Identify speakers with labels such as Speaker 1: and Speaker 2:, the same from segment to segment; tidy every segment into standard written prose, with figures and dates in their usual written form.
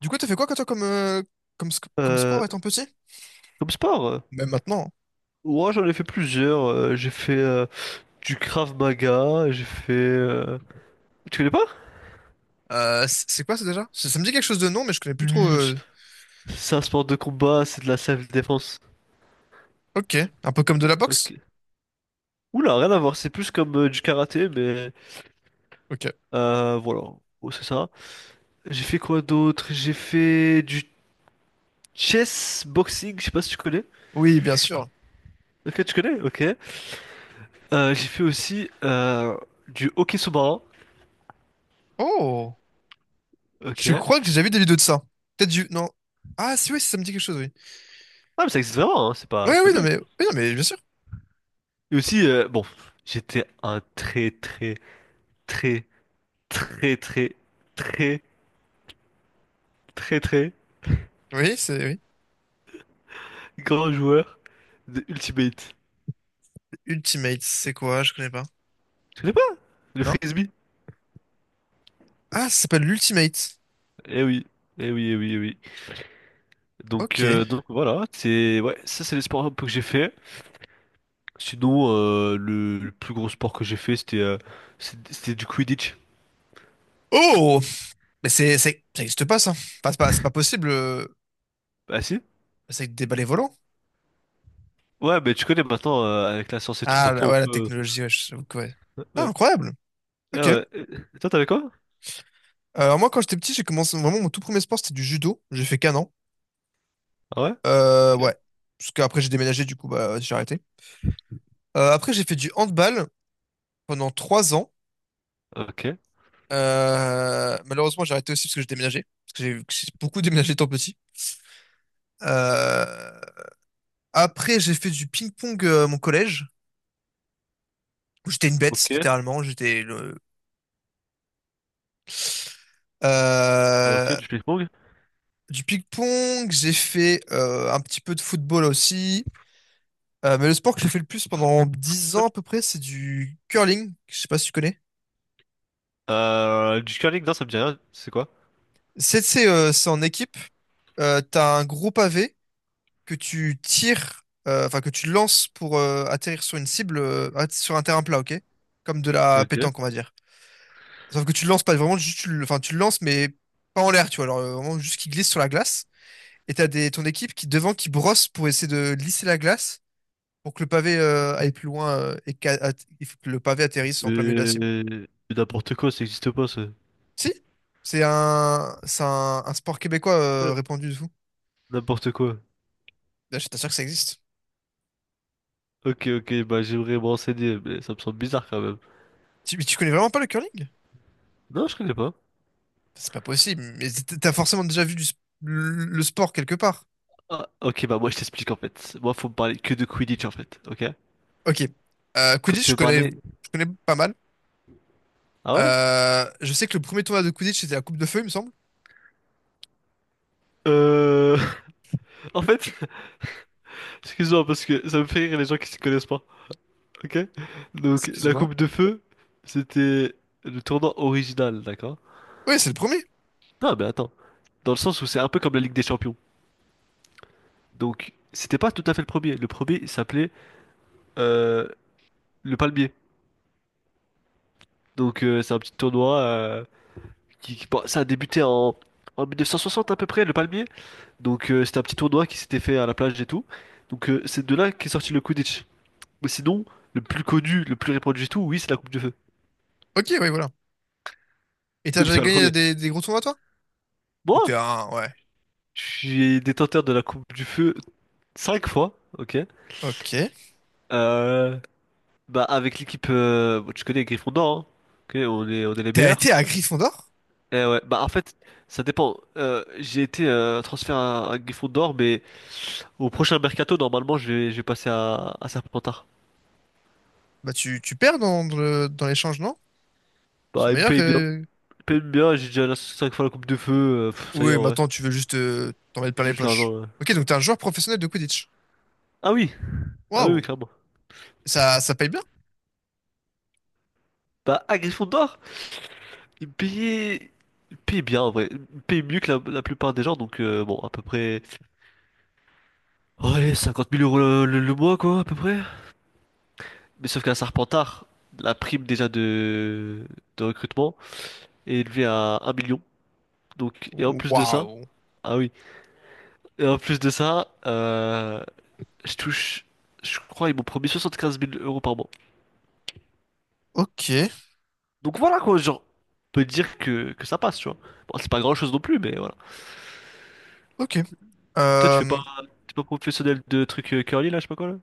Speaker 1: Du coup, t'as fait quoi, toi, comme, comme
Speaker 2: Euh,
Speaker 1: sport étant petit?
Speaker 2: comme sport,
Speaker 1: Même maintenant.
Speaker 2: ouais, j'en ai fait plusieurs. J'ai fait du Krav Maga, j'ai fait. Tu connais pas?
Speaker 1: Hein. C'est quoi, ça, déjà? Ça me dit quelque chose de nom, mais je connais plus trop.
Speaker 2: L- C'est un sport de combat, c'est de la self-défense.
Speaker 1: Ok. Un peu comme de la boxe?
Speaker 2: Ok. Oula, rien à voir, c'est plus comme du karaté, mais
Speaker 1: Ok.
Speaker 2: voilà. Oh, c'est ça. J'ai fait quoi d'autre? J'ai fait du chess boxing, je sais pas si tu connais.
Speaker 1: Oui, bien sûr.
Speaker 2: Ok, tu connais? Ok. J'ai fait aussi du hockey sous-marin.
Speaker 1: Oh!
Speaker 2: Ok.
Speaker 1: Je crois que j'ai déjà vu des vidéos de ça. Non. Ah, si, oui, si, ça me dit quelque chose, oui.
Speaker 2: Ah, mais ça existe vraiment, hein.
Speaker 1: Oui,
Speaker 2: C'est pas
Speaker 1: oui,
Speaker 2: une
Speaker 1: non,
Speaker 2: blague.
Speaker 1: mais, oui, non, mais bien sûr.
Speaker 2: Et aussi, bon, j'étais un très très très très très très très très
Speaker 1: Oui, oui.
Speaker 2: grand joueur de Ultimate.
Speaker 1: Ultimate, c'est quoi? Je connais pas.
Speaker 2: Tu connais pas? Le
Speaker 1: Non.
Speaker 2: frisbee?
Speaker 1: Ah, ça s'appelle l'Ultimate.
Speaker 2: Eh oui, eh oui, eh oui, eh oui.
Speaker 1: Ok.
Speaker 2: Donc voilà, c'est ouais, ça c'est les sports un peu que j'ai fait. Sinon, le plus gros sport que j'ai fait, c'était c'était du Quidditch.
Speaker 1: Oh! Mais ça existe pas, ça. Enfin, c'est pas possible.
Speaker 2: Ah si?
Speaker 1: C'est avec des balais volants.
Speaker 2: Ouais, mais tu connais maintenant, avec la science et tout,
Speaker 1: Ah,
Speaker 2: maintenant
Speaker 1: ouais, la
Speaker 2: on peut...
Speaker 1: technologie, ouais, j'avoue que ouais. Ah,
Speaker 2: Ouais.
Speaker 1: incroyable. Ok.
Speaker 2: Ah ouais. Toi, t'avais quoi?
Speaker 1: Alors moi, quand j'étais petit, j'ai commencé vraiment mon tout premier sport, c'était du judo. J'ai fait qu'un an.
Speaker 2: Ah ouais? Ok,
Speaker 1: Ouais. Parce qu'après, j'ai déménagé, du coup, bah, j'ai arrêté. Après, j'ai fait du handball pendant 3 ans.
Speaker 2: ok,
Speaker 1: Malheureusement, j'ai arrêté aussi parce que j'ai déménagé. Parce que j'ai beaucoup déménagé étant petit. Euh, Après, j'ai fait du ping-pong à mon collège, où j'étais une bête,
Speaker 2: ok,
Speaker 1: littéralement.
Speaker 2: ok,
Speaker 1: Euh,
Speaker 2: du ping-pong.
Speaker 1: du ping-pong, j'ai fait un petit peu de football aussi. Mais le sport que j'ai fait le plus pendant 10 ans à peu près, c'est du curling. Je sais pas si tu connais.
Speaker 2: Du curling, non, ça me dit rien. C'est quoi?
Speaker 1: C'est en équipe. T'as un gros pavé que tu tires, enfin que tu lances pour atterrir sur une cible, sur un terrain plat, ok? Comme de la
Speaker 2: Ok.
Speaker 1: pétanque, on va dire. Sauf que tu le lances pas vraiment, juste enfin tu le lances, mais pas en l'air, tu vois. Alors vraiment juste qui glisse sur la glace. Et t'as ton équipe qui devant qui brosse pour essayer de lisser la glace pour que le pavé aille plus loin. Il faut que le pavé atterrisse en plein milieu de la
Speaker 2: Mais...
Speaker 1: cible.
Speaker 2: mais n'importe quoi, ça existe pas, ça.
Speaker 1: Si, c'est un sport québécois
Speaker 2: Euh,
Speaker 1: répandu de fou.
Speaker 2: N'importe quoi.
Speaker 1: Là, je t'assure que ça existe.
Speaker 2: Ok, ok, bah j'aimerais me renseigner, mais ça me semble bizarre quand même.
Speaker 1: Mais tu connais vraiment pas le curling?
Speaker 2: Non, je connais pas.
Speaker 1: C'est pas possible, mais t'as forcément déjà vu le sport quelque part.
Speaker 2: Ah, ok, bah moi je t'explique en fait. Moi, faut me parler que de Quidditch en fait, ok?
Speaker 1: Ok.
Speaker 2: Quand
Speaker 1: Quidditch,
Speaker 2: tu
Speaker 1: je
Speaker 2: veux
Speaker 1: connais,
Speaker 2: parler...
Speaker 1: je connais pas mal.
Speaker 2: Ah ouais?
Speaker 1: Je sais que le premier tournoi de Quidditch, c'était la Coupe de Feu, il me semble.
Speaker 2: Euh... En fait, excuse-moi parce que ça me fait rire les gens qui s'y connaissent pas, ok? Donc, la
Speaker 1: Excuse-moi.
Speaker 2: coupe de feu, c'était le tournoi original, d'accord?
Speaker 1: Oui, c'est le premier.
Speaker 2: Non, mais attends. Dans le sens où c'est un peu comme la Ligue des Champions. Donc, c'était pas tout à fait le premier. Le premier, s'appelait euh, le Palmier. Donc, c'est un petit tournoi bon, ça a débuté en 1960 à peu près, le Palmier. Donc, c'était un petit tournoi qui s'était fait à la plage et tout. Donc, c'est de là qu'est sorti le Quidditch. Mais sinon, le plus connu, le plus répandu et tout, oui, c'est la Coupe du Feu.
Speaker 1: Ok, oui, voilà. Et t'as
Speaker 2: Oui, mais
Speaker 1: déjà
Speaker 2: c'est pas le
Speaker 1: gagné
Speaker 2: premier.
Speaker 1: des gros tournois, toi?
Speaker 2: Moi,
Speaker 1: Ouais.
Speaker 2: je suis détenteur de la Coupe du Feu cinq fois, ok.
Speaker 1: Ok.
Speaker 2: Euh, bah, avec l'équipe, bon, tu connais Gryffondor, hein. Ok, on est les
Speaker 1: T'as
Speaker 2: meilleurs.
Speaker 1: été à Gryffondor?
Speaker 2: Eh ouais, bah en fait, ça dépend. J'ai été transféré à Gryffondor, mais au prochain mercato, normalement, je vais passer à Serpentard.
Speaker 1: Bah, tu perds dans l'échange, non? Ils sont
Speaker 2: Bah, ils me
Speaker 1: meilleurs
Speaker 2: payent bien.
Speaker 1: que.
Speaker 2: Ils me payent bien, j'ai déjà la 5 fois la coupe de feu. Pff, ça y est,
Speaker 1: Oui,
Speaker 2: en vrai.
Speaker 1: maintenant tu veux juste t'en mettre plein
Speaker 2: C'est
Speaker 1: les
Speaker 2: juste
Speaker 1: poches.
Speaker 2: l'argent. Ouais.
Speaker 1: Ok, donc t'es un joueur professionnel de Quidditch.
Speaker 2: Ah oui, ah oui, oui,
Speaker 1: Waouh,
Speaker 2: clairement.
Speaker 1: ça paye bien?
Speaker 2: Bah, à Gryffondor, ils me payaient, ils me payaient bien, en vrai. Ils me payaient mieux que la plupart des gens, donc bon, à peu près. Oh, allez, 50 000 euros le mois, quoi, à peu près. Mais sauf qu'à Serpentard, la prime déjà de recrutement est élevée à un million. Donc, et en plus de ça,
Speaker 1: Waouh.
Speaker 2: ah oui, et en plus de ça, je touche, je crois, ils m'ont promis 75 000 euros par mois.
Speaker 1: Ok,
Speaker 2: Donc voilà quoi, genre, on peut dire que ça passe, tu vois. Bon, c'est pas grand chose non plus, mais voilà.
Speaker 1: ok.
Speaker 2: Et toi, tu fais
Speaker 1: Euh,
Speaker 2: pas, t'es pas professionnel de trucs curly là, je sais pas quoi là?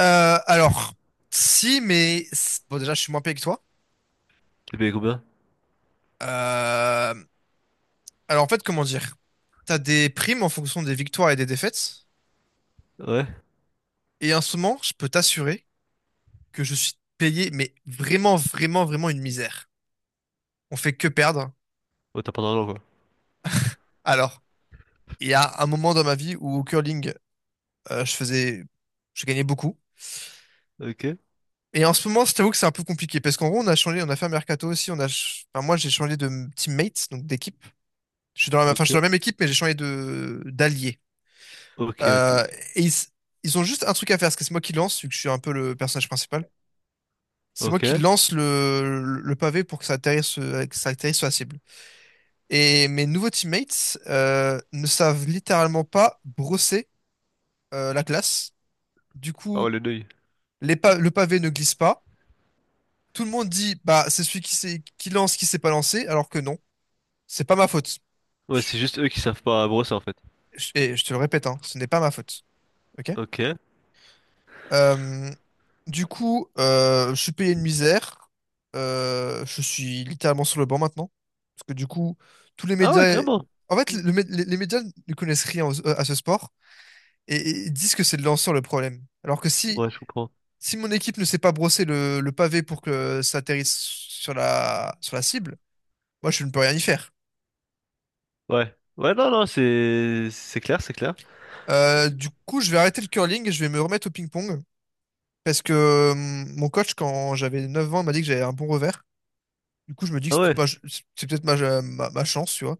Speaker 1: alors, si, mais bon, déjà, je suis moins payé que toi.
Speaker 2: Tu payes combien?
Speaker 1: Euh, alors, en fait, comment dire? T'as des primes en fonction des victoires et des défaites.
Speaker 2: Ouais?
Speaker 1: Et en ce moment, je peux t'assurer que je suis payé, mais vraiment, vraiment, vraiment une misère. On fait que perdre.
Speaker 2: Oh, t'as pas d'argent quoi.
Speaker 1: Alors, il y a un moment dans ma vie où au curling, euh, je faisais, je gagnais beaucoup.
Speaker 2: Ok,
Speaker 1: Et en ce moment, je t'avoue que c'est un peu compliqué parce qu'en gros, on a changé, on a fait un mercato aussi. Enfin, moi, j'ai changé de teammate, donc d'équipe. Je suis dans la, Enfin, je
Speaker 2: ok,
Speaker 1: suis dans la même équipe, mais j'ai changé de d'allié.
Speaker 2: ok, ok,
Speaker 1: Euh,
Speaker 2: ok.
Speaker 1: et ils ont juste un truc à faire, parce que c'est moi qui lance, vu que je suis un peu le personnage principal. C'est moi qui
Speaker 2: Ok.
Speaker 1: lance le pavé pour que ça que ça atterrisse sur la cible. Et mes nouveaux teammates ne savent littéralement pas brosser la classe. Du
Speaker 2: Ah ouais,
Speaker 1: coup,
Speaker 2: le deuil.
Speaker 1: le pavé ne glisse pas. Tout le monde dit, bah, c'est celui qui sait, qui lance, qui s'est pas lancé, alors que non, c'est pas ma faute.
Speaker 2: Ouais,
Speaker 1: Je,
Speaker 2: c'est juste eux qui savent pas brosser en fait.
Speaker 1: et je te le répète, hein, ce n'est pas ma faute. Ok?
Speaker 2: Ok.
Speaker 1: Euh, du coup, je suis payé une misère. Je suis littéralement sur le banc maintenant. Parce que du coup, tous les
Speaker 2: Ah ouais,
Speaker 1: médias.
Speaker 2: carrément.
Speaker 1: En fait, les médias ne connaissent rien à ce sport, et disent que c'est le lanceur le problème. Alors que si,
Speaker 2: Ouais, je comprends.
Speaker 1: si mon équipe ne sait pas brosser le pavé pour que ça atterrisse sur la cible, moi je ne peux rien y faire.
Speaker 2: Ouais. Ouais, non, non, c'est clair, c'est clair.
Speaker 1: Du coup, je vais arrêter le curling et je vais me remettre au ping-pong. Parce que mon coach, quand j'avais 9 ans, m'a dit que j'avais un bon revers. Du coup, je me dis que
Speaker 2: Ah
Speaker 1: c'est peut-être
Speaker 2: ouais.
Speaker 1: ma, ch- c'est peut-être ma, ma- ma chance, tu vois.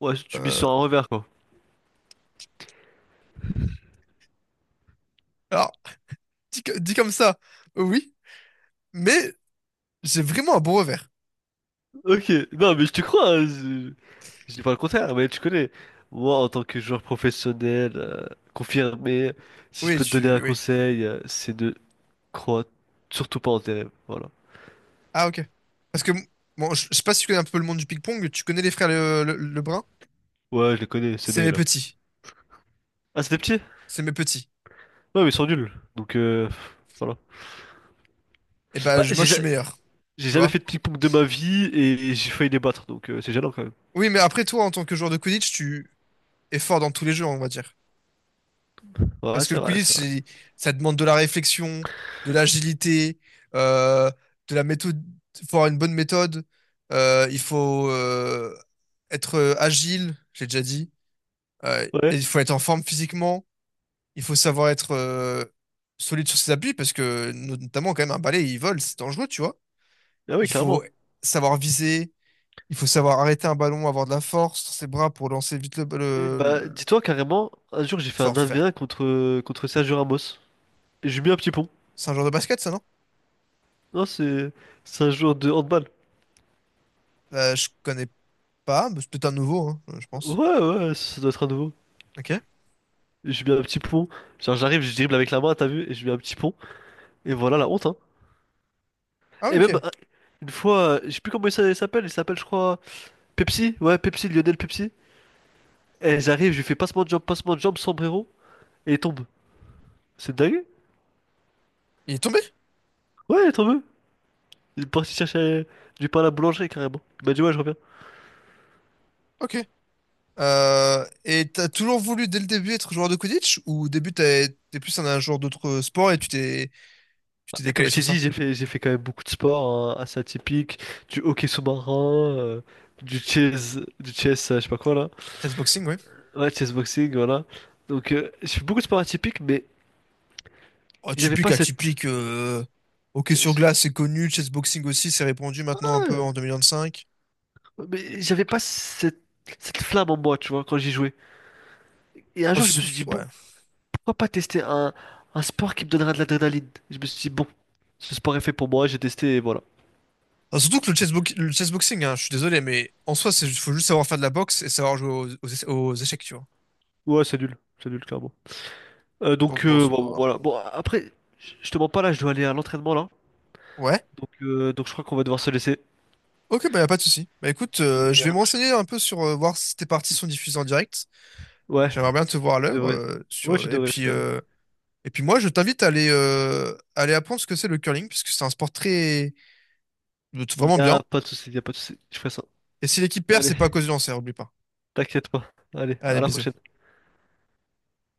Speaker 2: Ouais, tu mises
Speaker 1: Euh,
Speaker 2: sur un revers, quoi.
Speaker 1: alors, dit comme ça, oui, mais j'ai vraiment un bon revers.
Speaker 2: Ok, non, mais je te crois, hein. Je dis pas le contraire, mais tu connais. Moi, en tant que joueur professionnel, confirmé, si je
Speaker 1: Oui,
Speaker 2: peux te donner un
Speaker 1: oui.
Speaker 2: conseil, c'est de croire surtout pas en tes rêves, voilà.
Speaker 1: Ah, ok. Parce que, bon, je sais pas si tu connais un peu le monde du ping-pong, tu connais les frères Lebrun?
Speaker 2: Ouais, je les connais, ces
Speaker 1: C'est mes
Speaker 2: deux-là.
Speaker 1: petits.
Speaker 2: Ah, c'était petit?
Speaker 1: C'est mes petits.
Speaker 2: Ouais, mais ils sont nuls, donc pff, voilà.
Speaker 1: Et ben,
Speaker 2: Bah,
Speaker 1: moi, je suis meilleur.
Speaker 2: j'ai
Speaker 1: Tu
Speaker 2: jamais
Speaker 1: vois?
Speaker 2: fait de ping-pong de ma vie, et j'ai failli les battre, donc c'est gênant, quand même.
Speaker 1: Oui, mais après, toi, en tant que joueur de Quidditch, tu es fort dans tous les jeux, on va dire.
Speaker 2: Ouais,
Speaker 1: Parce que
Speaker 2: c'est
Speaker 1: le
Speaker 2: vrai,
Speaker 1: Quidditch,
Speaker 2: c'est vrai.
Speaker 1: ça demande de la réflexion, de l'agilité, euh, de la méthode. Il faut avoir une bonne méthode. Il faut être agile, j'ai déjà dit. Et
Speaker 2: Ouais,
Speaker 1: il faut être en forme physiquement. Il faut savoir être solide sur ses appuis parce que notamment quand même un balai, il vole, c'est dangereux, tu vois.
Speaker 2: ah oui,
Speaker 1: Il
Speaker 2: clairement.
Speaker 1: faut savoir viser, il faut savoir arrêter un ballon, avoir de la force sur ses bras pour lancer vite le,
Speaker 2: Et
Speaker 1: le,
Speaker 2: bah,
Speaker 1: le-
Speaker 2: dis-toi, carrément, un jour, j'ai fait un
Speaker 1: savoir tout faire.
Speaker 2: 1v1 contre Sergio Ramos. J'ai mis un petit pont.
Speaker 1: C'est un genre de basket, ça, non?
Speaker 2: Non, c'est un joueur de handball.
Speaker 1: Je connais pas, mais c'est peut-être un nouveau, hein, je pense.
Speaker 2: Ouais, ouais, ça doit être un nouveau.
Speaker 1: Ok.
Speaker 2: J'ai mis un petit pont. Genre, j'arrive, je dribble avec la main, t'as vu? Et je mets un petit pont. Et voilà la honte, hein.
Speaker 1: Ah, ouais,
Speaker 2: Et même,
Speaker 1: ok.
Speaker 2: une fois, je sais plus comment il s'appelle. Il s'appelle, je crois, Pepsi. Ouais, Pepsi, Lionel Pepsi. Et j'arrive, je lui fais passement de jambe, sombrero. Et il tombe. C'est dingue?
Speaker 1: Il est tombé?
Speaker 2: Ouais, il est tombé. Il est parti chercher du pain à la boulangerie, carrément. Il m'a dit, ouais, je reviens.
Speaker 1: Ok. Et t'as toujours voulu dès le début être joueur de Quidditch ou au début t'es plus un, joueur d'autres sports et tu t'es tu
Speaker 2: Bah,
Speaker 1: t'es
Speaker 2: comme
Speaker 1: décalé
Speaker 2: je
Speaker 1: sur
Speaker 2: t'ai
Speaker 1: ça?
Speaker 2: dit, j'ai fait quand même beaucoup de sports hein, assez atypiques, du hockey sous-marin, du chess, je sais pas quoi là.
Speaker 1: Peut-être boxing, oui.
Speaker 2: Ouais, chess boxing, voilà. Donc, j'ai fait beaucoup de sports atypiques, mais
Speaker 1: Oh,
Speaker 2: j'avais
Speaker 1: typique,
Speaker 2: pas cette.
Speaker 1: atypique. Hockey
Speaker 2: j'a-
Speaker 1: sur
Speaker 2: j'a-
Speaker 1: glace, c'est connu. Chessboxing aussi, c'est répandu maintenant un peu
Speaker 2: ah,
Speaker 1: en 2025.
Speaker 2: mais j'avais pas cette, cette flamme en moi, tu vois, quand j'y jouais. Et un
Speaker 1: Ah,
Speaker 2: jour, je me suis dit,
Speaker 1: ouais.
Speaker 2: bon, pourquoi pas tester un sport qui me donnera de l'adrénaline? Je me suis dit, bon, ce sport est fait pour moi, j'ai testé et voilà.
Speaker 1: Ah, surtout que le chessboxing, hein, je suis désolé, mais en soi, il faut juste savoir faire de la boxe et savoir jouer aux échecs, tu vois.
Speaker 2: Ouais, c'est nul, clairement.
Speaker 1: Donc
Speaker 2: Donc,
Speaker 1: bon, c'est
Speaker 2: bon, bon,
Speaker 1: pas.
Speaker 2: voilà. Bon, après, je te mens pas là, je dois aller à l'entraînement là.
Speaker 1: Ouais.
Speaker 2: Donc je crois qu'on va devoir se laisser.
Speaker 1: Ok, bah y a pas de souci. Bah écoute, je
Speaker 2: Et à
Speaker 1: vais
Speaker 2: la
Speaker 1: me
Speaker 2: prochaine.
Speaker 1: renseigner un peu sur voir si tes parties sont diffusées en direct.
Speaker 2: Ouais,
Speaker 1: J'aimerais bien te voir à
Speaker 2: tu
Speaker 1: l'œuvre.
Speaker 2: devrais. Ouais, tu devrais, tu devrais.
Speaker 1: Et puis moi, je t'invite à aller apprendre ce que c'est le curling, puisque c'est un sport très.
Speaker 2: Il
Speaker 1: Vraiment
Speaker 2: y
Speaker 1: bien.
Speaker 2: a pas de souci, il y a pas de souci. Je ferai ça.
Speaker 1: Et si l'équipe perd,
Speaker 2: Allez,
Speaker 1: c'est pas à cause du lancer, oublie pas.
Speaker 2: t'inquiète pas. Allez, à
Speaker 1: Allez,
Speaker 2: la prochaine.
Speaker 1: bisous.